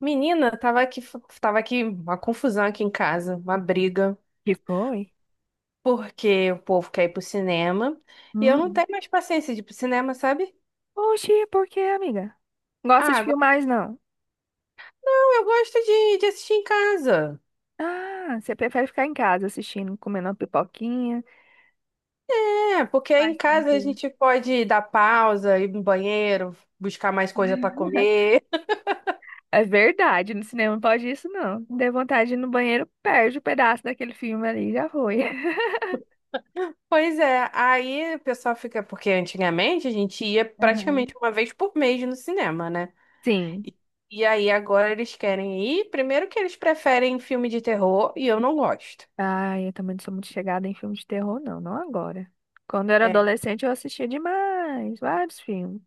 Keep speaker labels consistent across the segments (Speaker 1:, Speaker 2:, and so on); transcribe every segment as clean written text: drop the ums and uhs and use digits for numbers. Speaker 1: Menina, tava aqui uma confusão aqui em casa, uma briga,
Speaker 2: Que foi?
Speaker 1: porque o povo quer ir pro cinema e eu não
Speaker 2: Hum.
Speaker 1: tenho mais paciência de ir pro cinema, sabe?
Speaker 2: Oxi, por quê, amiga? Gosta
Speaker 1: Ah,
Speaker 2: de
Speaker 1: agora
Speaker 2: filmar, não?
Speaker 1: não, eu gosto de assistir em casa.
Speaker 2: Ah, você prefere ficar em casa assistindo, comendo uma pipoquinha,
Speaker 1: É, porque
Speaker 2: mais
Speaker 1: em casa a
Speaker 2: tranquilo.
Speaker 1: gente pode dar pausa, ir no banheiro, buscar mais coisa pra comer.
Speaker 2: É verdade, no cinema não pode isso, não. Dê vontade de ir no banheiro, perde o pedaço daquele filme ali, já foi.
Speaker 1: Pois é, aí o pessoal fica, porque antigamente a gente ia
Speaker 2: Aham.
Speaker 1: praticamente uma vez por mês no cinema, né?
Speaker 2: Sim.
Speaker 1: E e aí agora eles querem ir, primeiro que eles preferem filme de terror e eu não gosto.
Speaker 2: Ai, eu também não sou muito chegada em filme de terror, não, não agora. Quando eu era
Speaker 1: É.
Speaker 2: adolescente, eu assistia demais, vários filmes.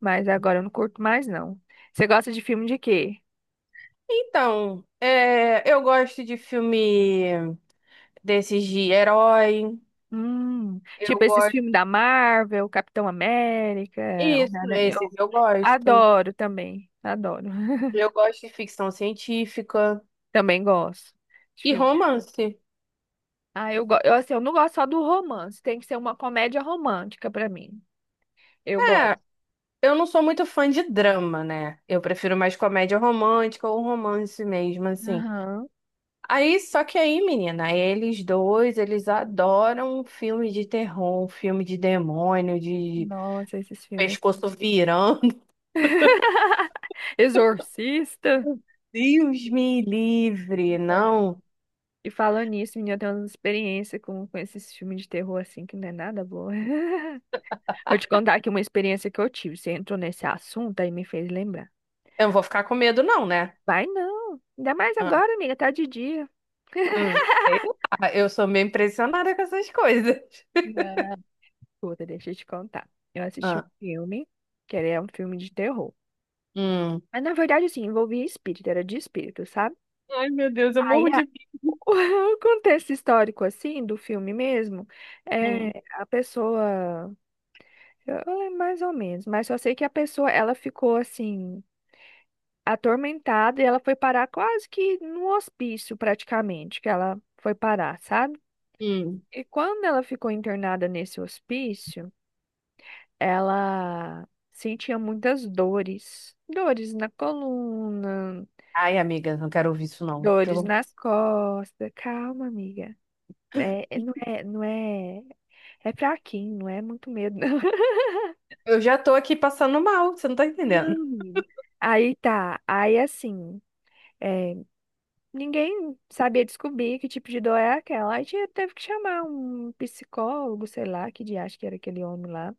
Speaker 2: Mas agora eu não curto mais, não. Você gosta de filme de quê?
Speaker 1: Eu gosto de filme desses de herói. Eu
Speaker 2: Tipo esses
Speaker 1: gosto.
Speaker 2: filmes da Marvel, Capitão América,
Speaker 1: Isso,
Speaker 2: Homem-Aranha, eu
Speaker 1: esses eu gosto.
Speaker 2: adoro também, adoro.
Speaker 1: Eu gosto de ficção científica
Speaker 2: Também gosto de
Speaker 1: e
Speaker 2: filme.
Speaker 1: romance.
Speaker 2: Ah, eu, eu, assim, eu não gosto só do romance, tem que ser uma comédia romântica pra mim. Eu gosto.
Speaker 1: É, eu não sou muito fã de drama, né? Eu prefiro mais comédia romântica ou romance mesmo, assim.
Speaker 2: Aham.
Speaker 1: Aí, só que aí, menina, eles dois, eles adoram filme de terror, filme de demônio, de
Speaker 2: Nossa, esses filmes.
Speaker 1: pescoço virando.
Speaker 2: Exorcista.
Speaker 1: Deus me livre,
Speaker 2: Misericórdia.
Speaker 1: não.
Speaker 2: E falando nisso, menina, eu tenho uma experiência com esses filmes de terror assim que não é nada boa. Vou te contar aqui uma experiência que eu tive. Você entrou nesse assunto aí me fez lembrar.
Speaker 1: Eu não vou ficar com medo, não, né?
Speaker 2: Vai não. Ainda mais
Speaker 1: Ah,
Speaker 2: agora, amiga, tá de dia.
Speaker 1: hum, sei lá, eu sou meio impressionada com essas coisas.
Speaker 2: Ah, puta, deixa eu te contar. Eu assisti um
Speaker 1: Ah,
Speaker 2: filme, que ele é um filme de terror.
Speaker 1: hum.
Speaker 2: Mas na verdade, assim, envolvia espírito, era de espírito, sabe?
Speaker 1: Ai, meu Deus, eu
Speaker 2: Aí
Speaker 1: morro de
Speaker 2: a-
Speaker 1: medo.
Speaker 2: o contexto histórico, assim, do filme mesmo,
Speaker 1: Hum,
Speaker 2: é a pessoa. Eu lembro mais ou menos, mas só sei que a pessoa, ela ficou assim, atormentada e ela foi parar quase que no hospício, praticamente, que ela foi parar, sabe?
Speaker 1: hum.
Speaker 2: E quando ela ficou internada nesse hospício. Ela sentia muitas dores, dores na coluna,
Speaker 1: Ai, amiga, não quero ouvir isso, não.
Speaker 2: dores
Speaker 1: Pelo...
Speaker 2: nas costas. Calma, amiga. Não é, é fraquinho, não é muito medo, não.
Speaker 1: Eu já tô aqui passando mal, você não tá entendendo.
Speaker 2: Não, menina. Aí tá, aí assim, é, ninguém sabia descobrir que tipo de dor é aquela. Aí teve que chamar um psicólogo, sei lá, que diacho que era aquele homem lá.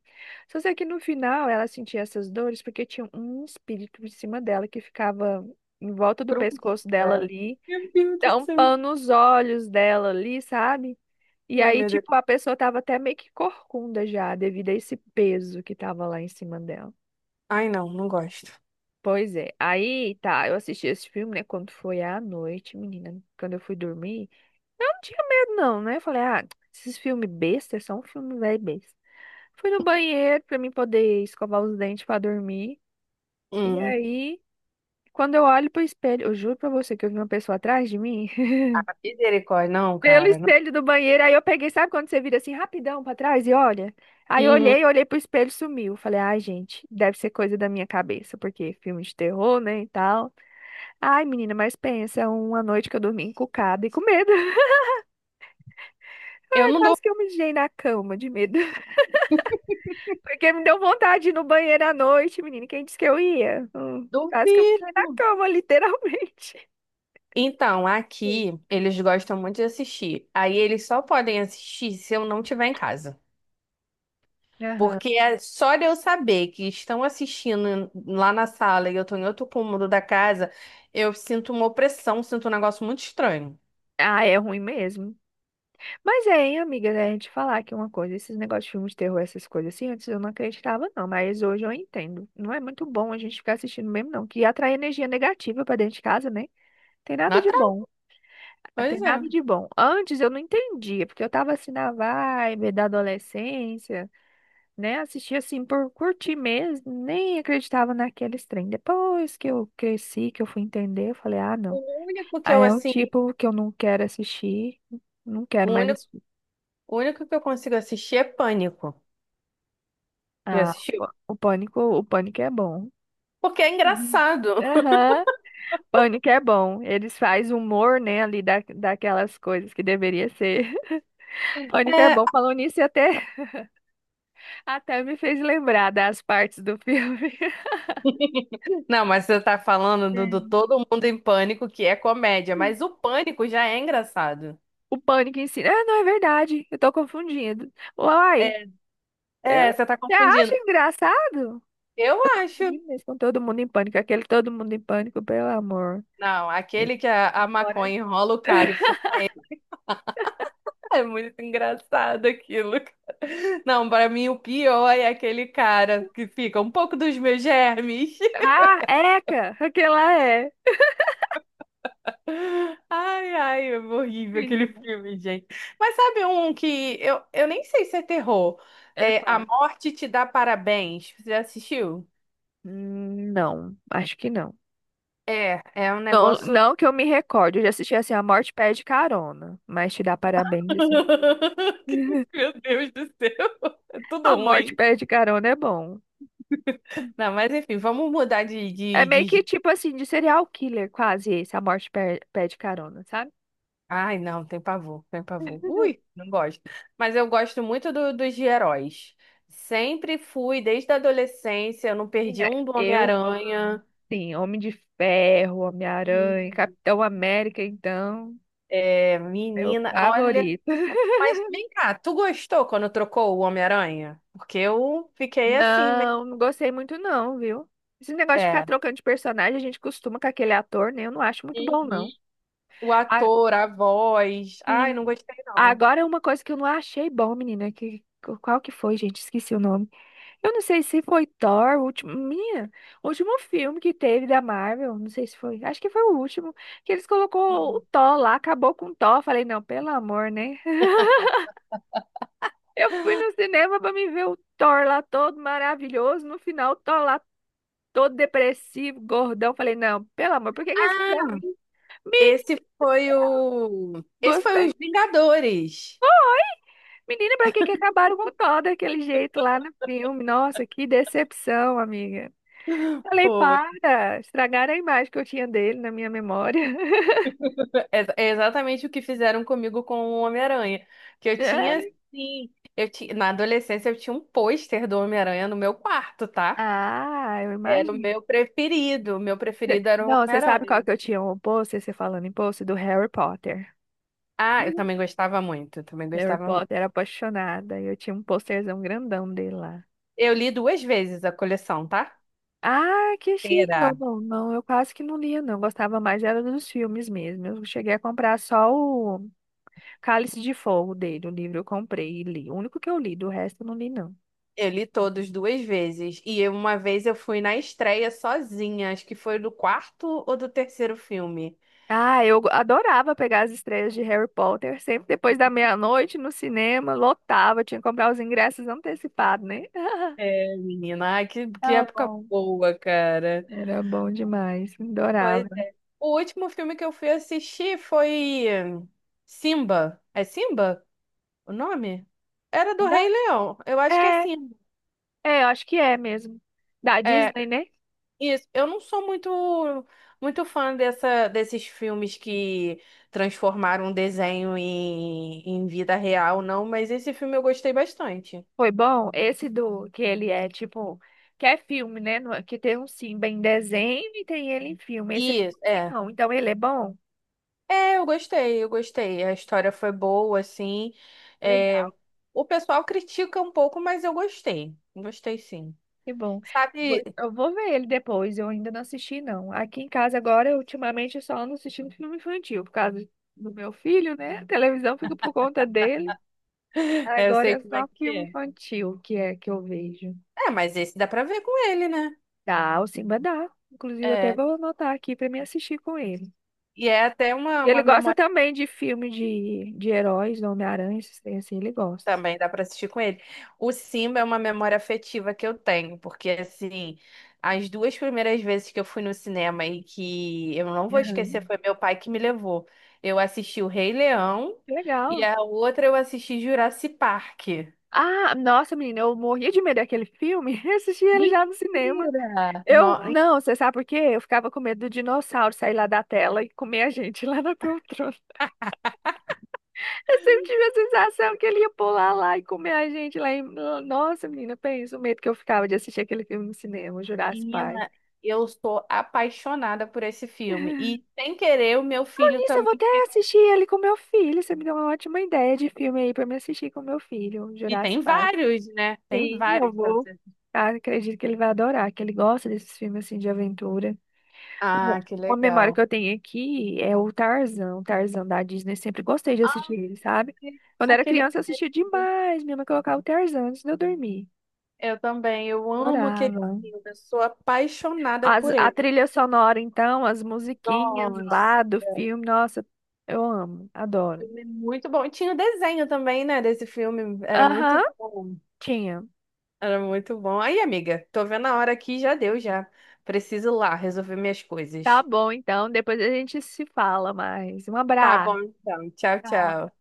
Speaker 2: Só sei que no final ela sentia essas dores porque tinha um espírito em cima dela que ficava em volta do
Speaker 1: Pronto.
Speaker 2: pescoço dela
Speaker 1: É.
Speaker 2: ali,
Speaker 1: Meu Deus do céu.
Speaker 2: tampando os olhos dela ali, sabe? E
Speaker 1: Ai,
Speaker 2: aí,
Speaker 1: meu Deus.
Speaker 2: tipo, a pessoa tava até meio que corcunda já, devido a esse peso que tava lá em cima dela.
Speaker 1: Ai, não, não gosto.
Speaker 2: Pois é. Aí, tá, eu assisti esse filme, né, quando foi à noite, menina, quando eu fui dormir. Eu não tinha medo, não, né? Eu falei, ah, esses filmes besta, é só um filme velho besta. Fui no banheiro pra mim poder escovar os dentes pra dormir. E
Speaker 1: Hum.
Speaker 2: aí, quando eu olho pro espelho, eu juro pra você que eu vi uma pessoa atrás de mim,
Speaker 1: Misericórdia, não,
Speaker 2: pelo
Speaker 1: cara, não.
Speaker 2: espelho do banheiro. Aí eu peguei, sabe quando você vira assim rapidão pra trás e olha? Aí eu
Speaker 1: Uhum.
Speaker 2: olhei pro espelho e sumiu. Falei, ai, gente, deve ser coisa da minha cabeça, porque filme de terror, né, e tal. Ai, menina, mas pensa, uma noite que eu dormi encucada e com medo.
Speaker 1: Eu
Speaker 2: Ai,
Speaker 1: não dou.
Speaker 2: quase que eu me mijei na cama de medo. Porque me deu vontade de ir no banheiro à noite, menina. Quem disse que eu ia? Quase que eu me caí
Speaker 1: Duvido.
Speaker 2: na cama, literalmente.
Speaker 1: Então,
Speaker 2: Sim.
Speaker 1: aqui eles gostam muito de assistir. Aí eles só podem assistir se eu não estiver em casa.
Speaker 2: Aham.
Speaker 1: Porque é só de eu saber que estão assistindo lá na sala e eu tô em outro cômodo da casa, eu sinto uma opressão, sinto um negócio muito estranho.
Speaker 2: Ah, é ruim mesmo. Mas é, hein, amiga, né? A gente falar aqui uma coisa, esses negócios de filmes de terror, essas coisas assim, antes eu não acreditava, não, mas hoje eu entendo. Não é muito bom a gente ficar assistindo mesmo, não, que atrai energia negativa pra dentro de casa, né? Tem
Speaker 1: Lá
Speaker 2: nada de
Speaker 1: atrás,
Speaker 2: bom, tem
Speaker 1: pois é.
Speaker 2: nada de bom. Antes eu não entendia, porque eu tava assim na vibe da adolescência, né? Assistia assim por curtir mesmo, nem acreditava naqueles trem. Depois que eu cresci, que eu fui entender, eu falei, ah,
Speaker 1: O
Speaker 2: não.
Speaker 1: único que
Speaker 2: Ah,
Speaker 1: eu,
Speaker 2: é um
Speaker 1: assim,
Speaker 2: tipo que eu não quero assistir, não
Speaker 1: o
Speaker 2: quero mais
Speaker 1: único,
Speaker 2: assistir.
Speaker 1: o único que eu consigo assistir é Pânico. Já
Speaker 2: Ah, o
Speaker 1: assistiu?
Speaker 2: o Pânico, o Pânico é bom.
Speaker 1: Porque é
Speaker 2: Uhum.
Speaker 1: engraçado.
Speaker 2: Aham, Pânico é bom. Eles fazem humor, né, ali daquelas coisas que deveria ser. Pânico é
Speaker 1: É.
Speaker 2: bom. Falando nisso, até me fez lembrar das partes do filme.
Speaker 1: Não, mas você tá falando do
Speaker 2: Sim.
Speaker 1: Todo Mundo em Pânico, que é comédia, mas o Pânico já é engraçado.
Speaker 2: O pânico em si. Ah, não, é verdade. Eu tô confundindo. Uai,
Speaker 1: É,
Speaker 2: é,
Speaker 1: é, você tá
Speaker 2: você acha
Speaker 1: confundindo.
Speaker 2: engraçado?
Speaker 1: Eu acho.
Speaker 2: Demais. Com todo mundo em pânico, aquele todo mundo em pânico, pelo amor.
Speaker 1: Não, aquele que a
Speaker 2: Embora.
Speaker 1: maconha enrola o cara e fu- É muito engraçado aquilo. Não, pra mim o pior é aquele cara que fica um pouco dos meus germes.
Speaker 2: Ah, eca! Aquela é,
Speaker 1: Ai, ai, é horrível aquele
Speaker 2: menina.
Speaker 1: filme, gente. Mas sabe um que eu nem sei se é terror.
Speaker 2: É
Speaker 1: É A
Speaker 2: qual?
Speaker 1: Morte Te Dá Parabéns. Você já assistiu?
Speaker 2: Não, acho que não.
Speaker 1: É, é um
Speaker 2: Não,
Speaker 1: negócio.
Speaker 2: não que eu me recorde, eu já assisti assim, A Morte Pede Carona, mas te dá parabéns, assim.
Speaker 1: Meu Deus do céu, é tudo
Speaker 2: A Morte
Speaker 1: ruim.
Speaker 2: Pede Carona é bom.
Speaker 1: Não, mas enfim, vamos mudar de,
Speaker 2: É
Speaker 1: de,
Speaker 2: meio que
Speaker 1: de
Speaker 2: tipo assim, de serial killer, quase esse, Pede Carona, sabe?
Speaker 1: Ai, não, tem pavor, tem pavor.
Speaker 2: Uhum.
Speaker 1: Ui, não gosto. Mas eu gosto muito do- dos de heróis. Sempre fui, desde a adolescência, eu não perdi
Speaker 2: Menina,
Speaker 1: um do
Speaker 2: eu
Speaker 1: Homem-Aranha.
Speaker 2: sim, Homem de Ferro, Homem-Aranha,
Speaker 1: Hum.
Speaker 2: Capitão América, então,
Speaker 1: É,
Speaker 2: meu
Speaker 1: menina, olha,
Speaker 2: favorito.
Speaker 1: mas vem cá, tu gostou quando trocou o Homem-Aranha? Porque eu fiquei assim, meio...
Speaker 2: Não, não gostei muito não, viu? Esse negócio de ficar
Speaker 1: É.
Speaker 2: trocando de personagem, a gente costuma com aquele ator, né? Eu não acho muito bom,
Speaker 1: Uhum.
Speaker 2: não.
Speaker 1: O
Speaker 2: A-
Speaker 1: ator, a voz. Ai, não
Speaker 2: sim,
Speaker 1: gostei não.
Speaker 2: agora, uma coisa que eu não achei bom, menina, que, qual que foi, gente? Esqueci o nome. Eu não sei se foi Thor, o último, minha, o último filme que teve da Marvel, não sei se foi, acho que foi o último, que eles colocou o
Speaker 1: Hum.
Speaker 2: Thor lá, acabou com o Thor. Falei, não, pelo amor, né? Eu fui no cinema pra me ver o Thor lá todo maravilhoso. No final, o Thor lá todo depressivo, gordão. Falei, não, pelo amor, por que que eles
Speaker 1: Ah,
Speaker 2: fizeram isso? Me
Speaker 1: esse foi os
Speaker 2: gostei.
Speaker 1: Vingadores.
Speaker 2: Menina, pra que que acabaram com o Thor daquele jeito lá no filme? Nossa, que decepção, amiga. Falei,
Speaker 1: Foi
Speaker 2: para, estragaram a imagem que eu tinha dele na minha memória.
Speaker 1: É é exatamente o que fizeram comigo com o Homem-Aranha. Que eu tinha,
Speaker 2: Ai.
Speaker 1: sim, eu ti- na adolescência eu tinha um pôster do Homem-Aranha no meu quarto, tá?
Speaker 2: Ah, eu
Speaker 1: Era o
Speaker 2: imagino.
Speaker 1: meu preferido. O meu preferido era o
Speaker 2: Não, você sabe qual
Speaker 1: Homem-Aranha.
Speaker 2: que eu tinha? O pôster, você falando em pôster, do Harry Potter.
Speaker 1: Ah, eu também gostava muito, eu também
Speaker 2: Harry
Speaker 1: gostava muito.
Speaker 2: Potter era apaixonada. E eu tinha um posterzão grandão dele lá.
Speaker 1: Eu li duas vezes a coleção, tá?
Speaker 2: Ah, que chique!
Speaker 1: Inteira.
Speaker 2: Eu não, eu quase que não lia, não. Eu gostava mais era dos filmes mesmo. Eu cheguei a comprar só o Cálice de Fogo dele, o livro eu comprei e li. O único que eu li, do resto eu não li, não.
Speaker 1: Eu li todos duas vezes. E eu- uma vez eu fui na estreia sozinha, acho que foi do quarto ou do terceiro filme.
Speaker 2: Ah, eu adorava pegar as estreias de Harry Potter, sempre depois da meia-noite no cinema, lotava, tinha que comprar os ingressos antecipados, né?
Speaker 1: É, menina, ai, que
Speaker 2: Era
Speaker 1: época
Speaker 2: bom.
Speaker 1: boa, cara.
Speaker 2: Era bom demais, adorava.
Speaker 1: Pois é. O último filme que eu fui assistir foi Simba. É Simba o nome? Era do
Speaker 2: Dá?
Speaker 1: Rei Leão. Eu acho que é
Speaker 2: É,
Speaker 1: Simba.
Speaker 2: é, eu acho que é mesmo. Da
Speaker 1: É,
Speaker 2: Disney, né?
Speaker 1: isso. Eu não sou muito fã dessa, desses filmes que transformaram um desenho em vida real, não, mas esse filme eu gostei bastante.
Speaker 2: Foi bom. Esse do que ele é tipo, que é filme, né? Que tem um Simba em desenho e tem ele em filme. Esse aqui
Speaker 1: Isso, é.
Speaker 2: não. Então ele é bom?
Speaker 1: É, eu gostei, eu gostei. A história foi boa, assim. É,
Speaker 2: Legal,
Speaker 1: o pessoal critica um pouco, mas eu gostei. Gostei, sim.
Speaker 2: que bom.
Speaker 1: Sabe?
Speaker 2: Eu vou ver ele depois. Eu ainda não assisti, não. Aqui em casa agora, eu, ultimamente, eu só ando assistindo filme infantil por causa do meu filho, né? A televisão fica por conta dele.
Speaker 1: É. Eu
Speaker 2: Agora
Speaker 1: sei
Speaker 2: é
Speaker 1: como é
Speaker 2: só
Speaker 1: que
Speaker 2: filme
Speaker 1: é.
Speaker 2: infantil que é que eu vejo.
Speaker 1: É, mas esse dá pra ver com ele, né?
Speaker 2: Dá, o Simba dá. Inclusive, eu até
Speaker 1: É.
Speaker 2: vou anotar aqui pra me assistir com ele.
Speaker 1: E é até
Speaker 2: E ele
Speaker 1: uma
Speaker 2: gosta
Speaker 1: memória
Speaker 2: também de filme de heróis, do Homem-Aranha, esses tem assim, ele gosta.
Speaker 1: também, dá pra assistir com ele. O Simba é uma memória afetiva que eu tenho, porque assim, as duas primeiras vezes que eu fui no cinema e que eu não vou esquecer,
Speaker 2: Aham.
Speaker 1: foi meu pai que me levou. Eu assisti o Rei Leão
Speaker 2: Que
Speaker 1: e
Speaker 2: legal.
Speaker 1: a outra eu assisti Jurassic Park.
Speaker 2: Ah, nossa, menina, eu morria de medo daquele filme. Eu assisti ele já no cinema.
Speaker 1: Mentira!
Speaker 2: Eu,
Speaker 1: No-
Speaker 2: não, você sabe por quê? Eu ficava com medo do dinossauro sair lá da tela e comer a gente lá na poltrona. Eu sempre tive a sensação que ele ia pular lá e comer a gente lá em... Nossa, menina, pensa o medo que eu ficava de assistir aquele filme no cinema, Jurassic Park.
Speaker 1: Menina, eu sou apaixonada por esse filme. E, sem querer, o meu filho
Speaker 2: Isso, eu vou
Speaker 1: também
Speaker 2: até
Speaker 1: criou.
Speaker 2: assistir ele com meu filho. Você me deu uma ótima ideia de filme aí pra me assistir com meu filho, um
Speaker 1: E tem
Speaker 2: Jurassic Park.
Speaker 1: vários, né? Tem
Speaker 2: Sim, eu
Speaker 1: vários pra
Speaker 2: vou.
Speaker 1: você.
Speaker 2: Ah, acredito que ele vai adorar, que ele gosta desses filmes assim de aventura. Um-
Speaker 1: Ah, que
Speaker 2: Uma memória
Speaker 1: legal.
Speaker 2: que eu tenho aqui é o Tarzan da Disney. Sempre gostei de
Speaker 1: Ah,
Speaker 2: assistir ele, sabe? Quando era
Speaker 1: aquele
Speaker 2: criança, eu assistia
Speaker 1: período.
Speaker 2: demais. Minha mãe colocava o Tarzan antes de eu dormir.
Speaker 1: Eu também, eu amo aquele
Speaker 2: Adorava.
Speaker 1: filme. Eu sou apaixonada por
Speaker 2: A
Speaker 1: ele.
Speaker 2: trilha sonora, então, as musiquinhas
Speaker 1: Nossa,
Speaker 2: lá do
Speaker 1: o
Speaker 2: filme, nossa, eu amo, adoro.
Speaker 1: filme é muito bom. E tinha o desenho também, né, desse filme. Era muito
Speaker 2: Aham,
Speaker 1: bom.
Speaker 2: tinha.
Speaker 1: Era muito bom. Aí, amiga, tô vendo a hora aqui, já deu, já. Preciso ir lá resolver minhas
Speaker 2: Tá
Speaker 1: coisas.
Speaker 2: bom, então. Depois a gente se fala mais. Um
Speaker 1: Tá
Speaker 2: abraço.
Speaker 1: bom, então. Tchau,
Speaker 2: Tchau.
Speaker 1: tchau.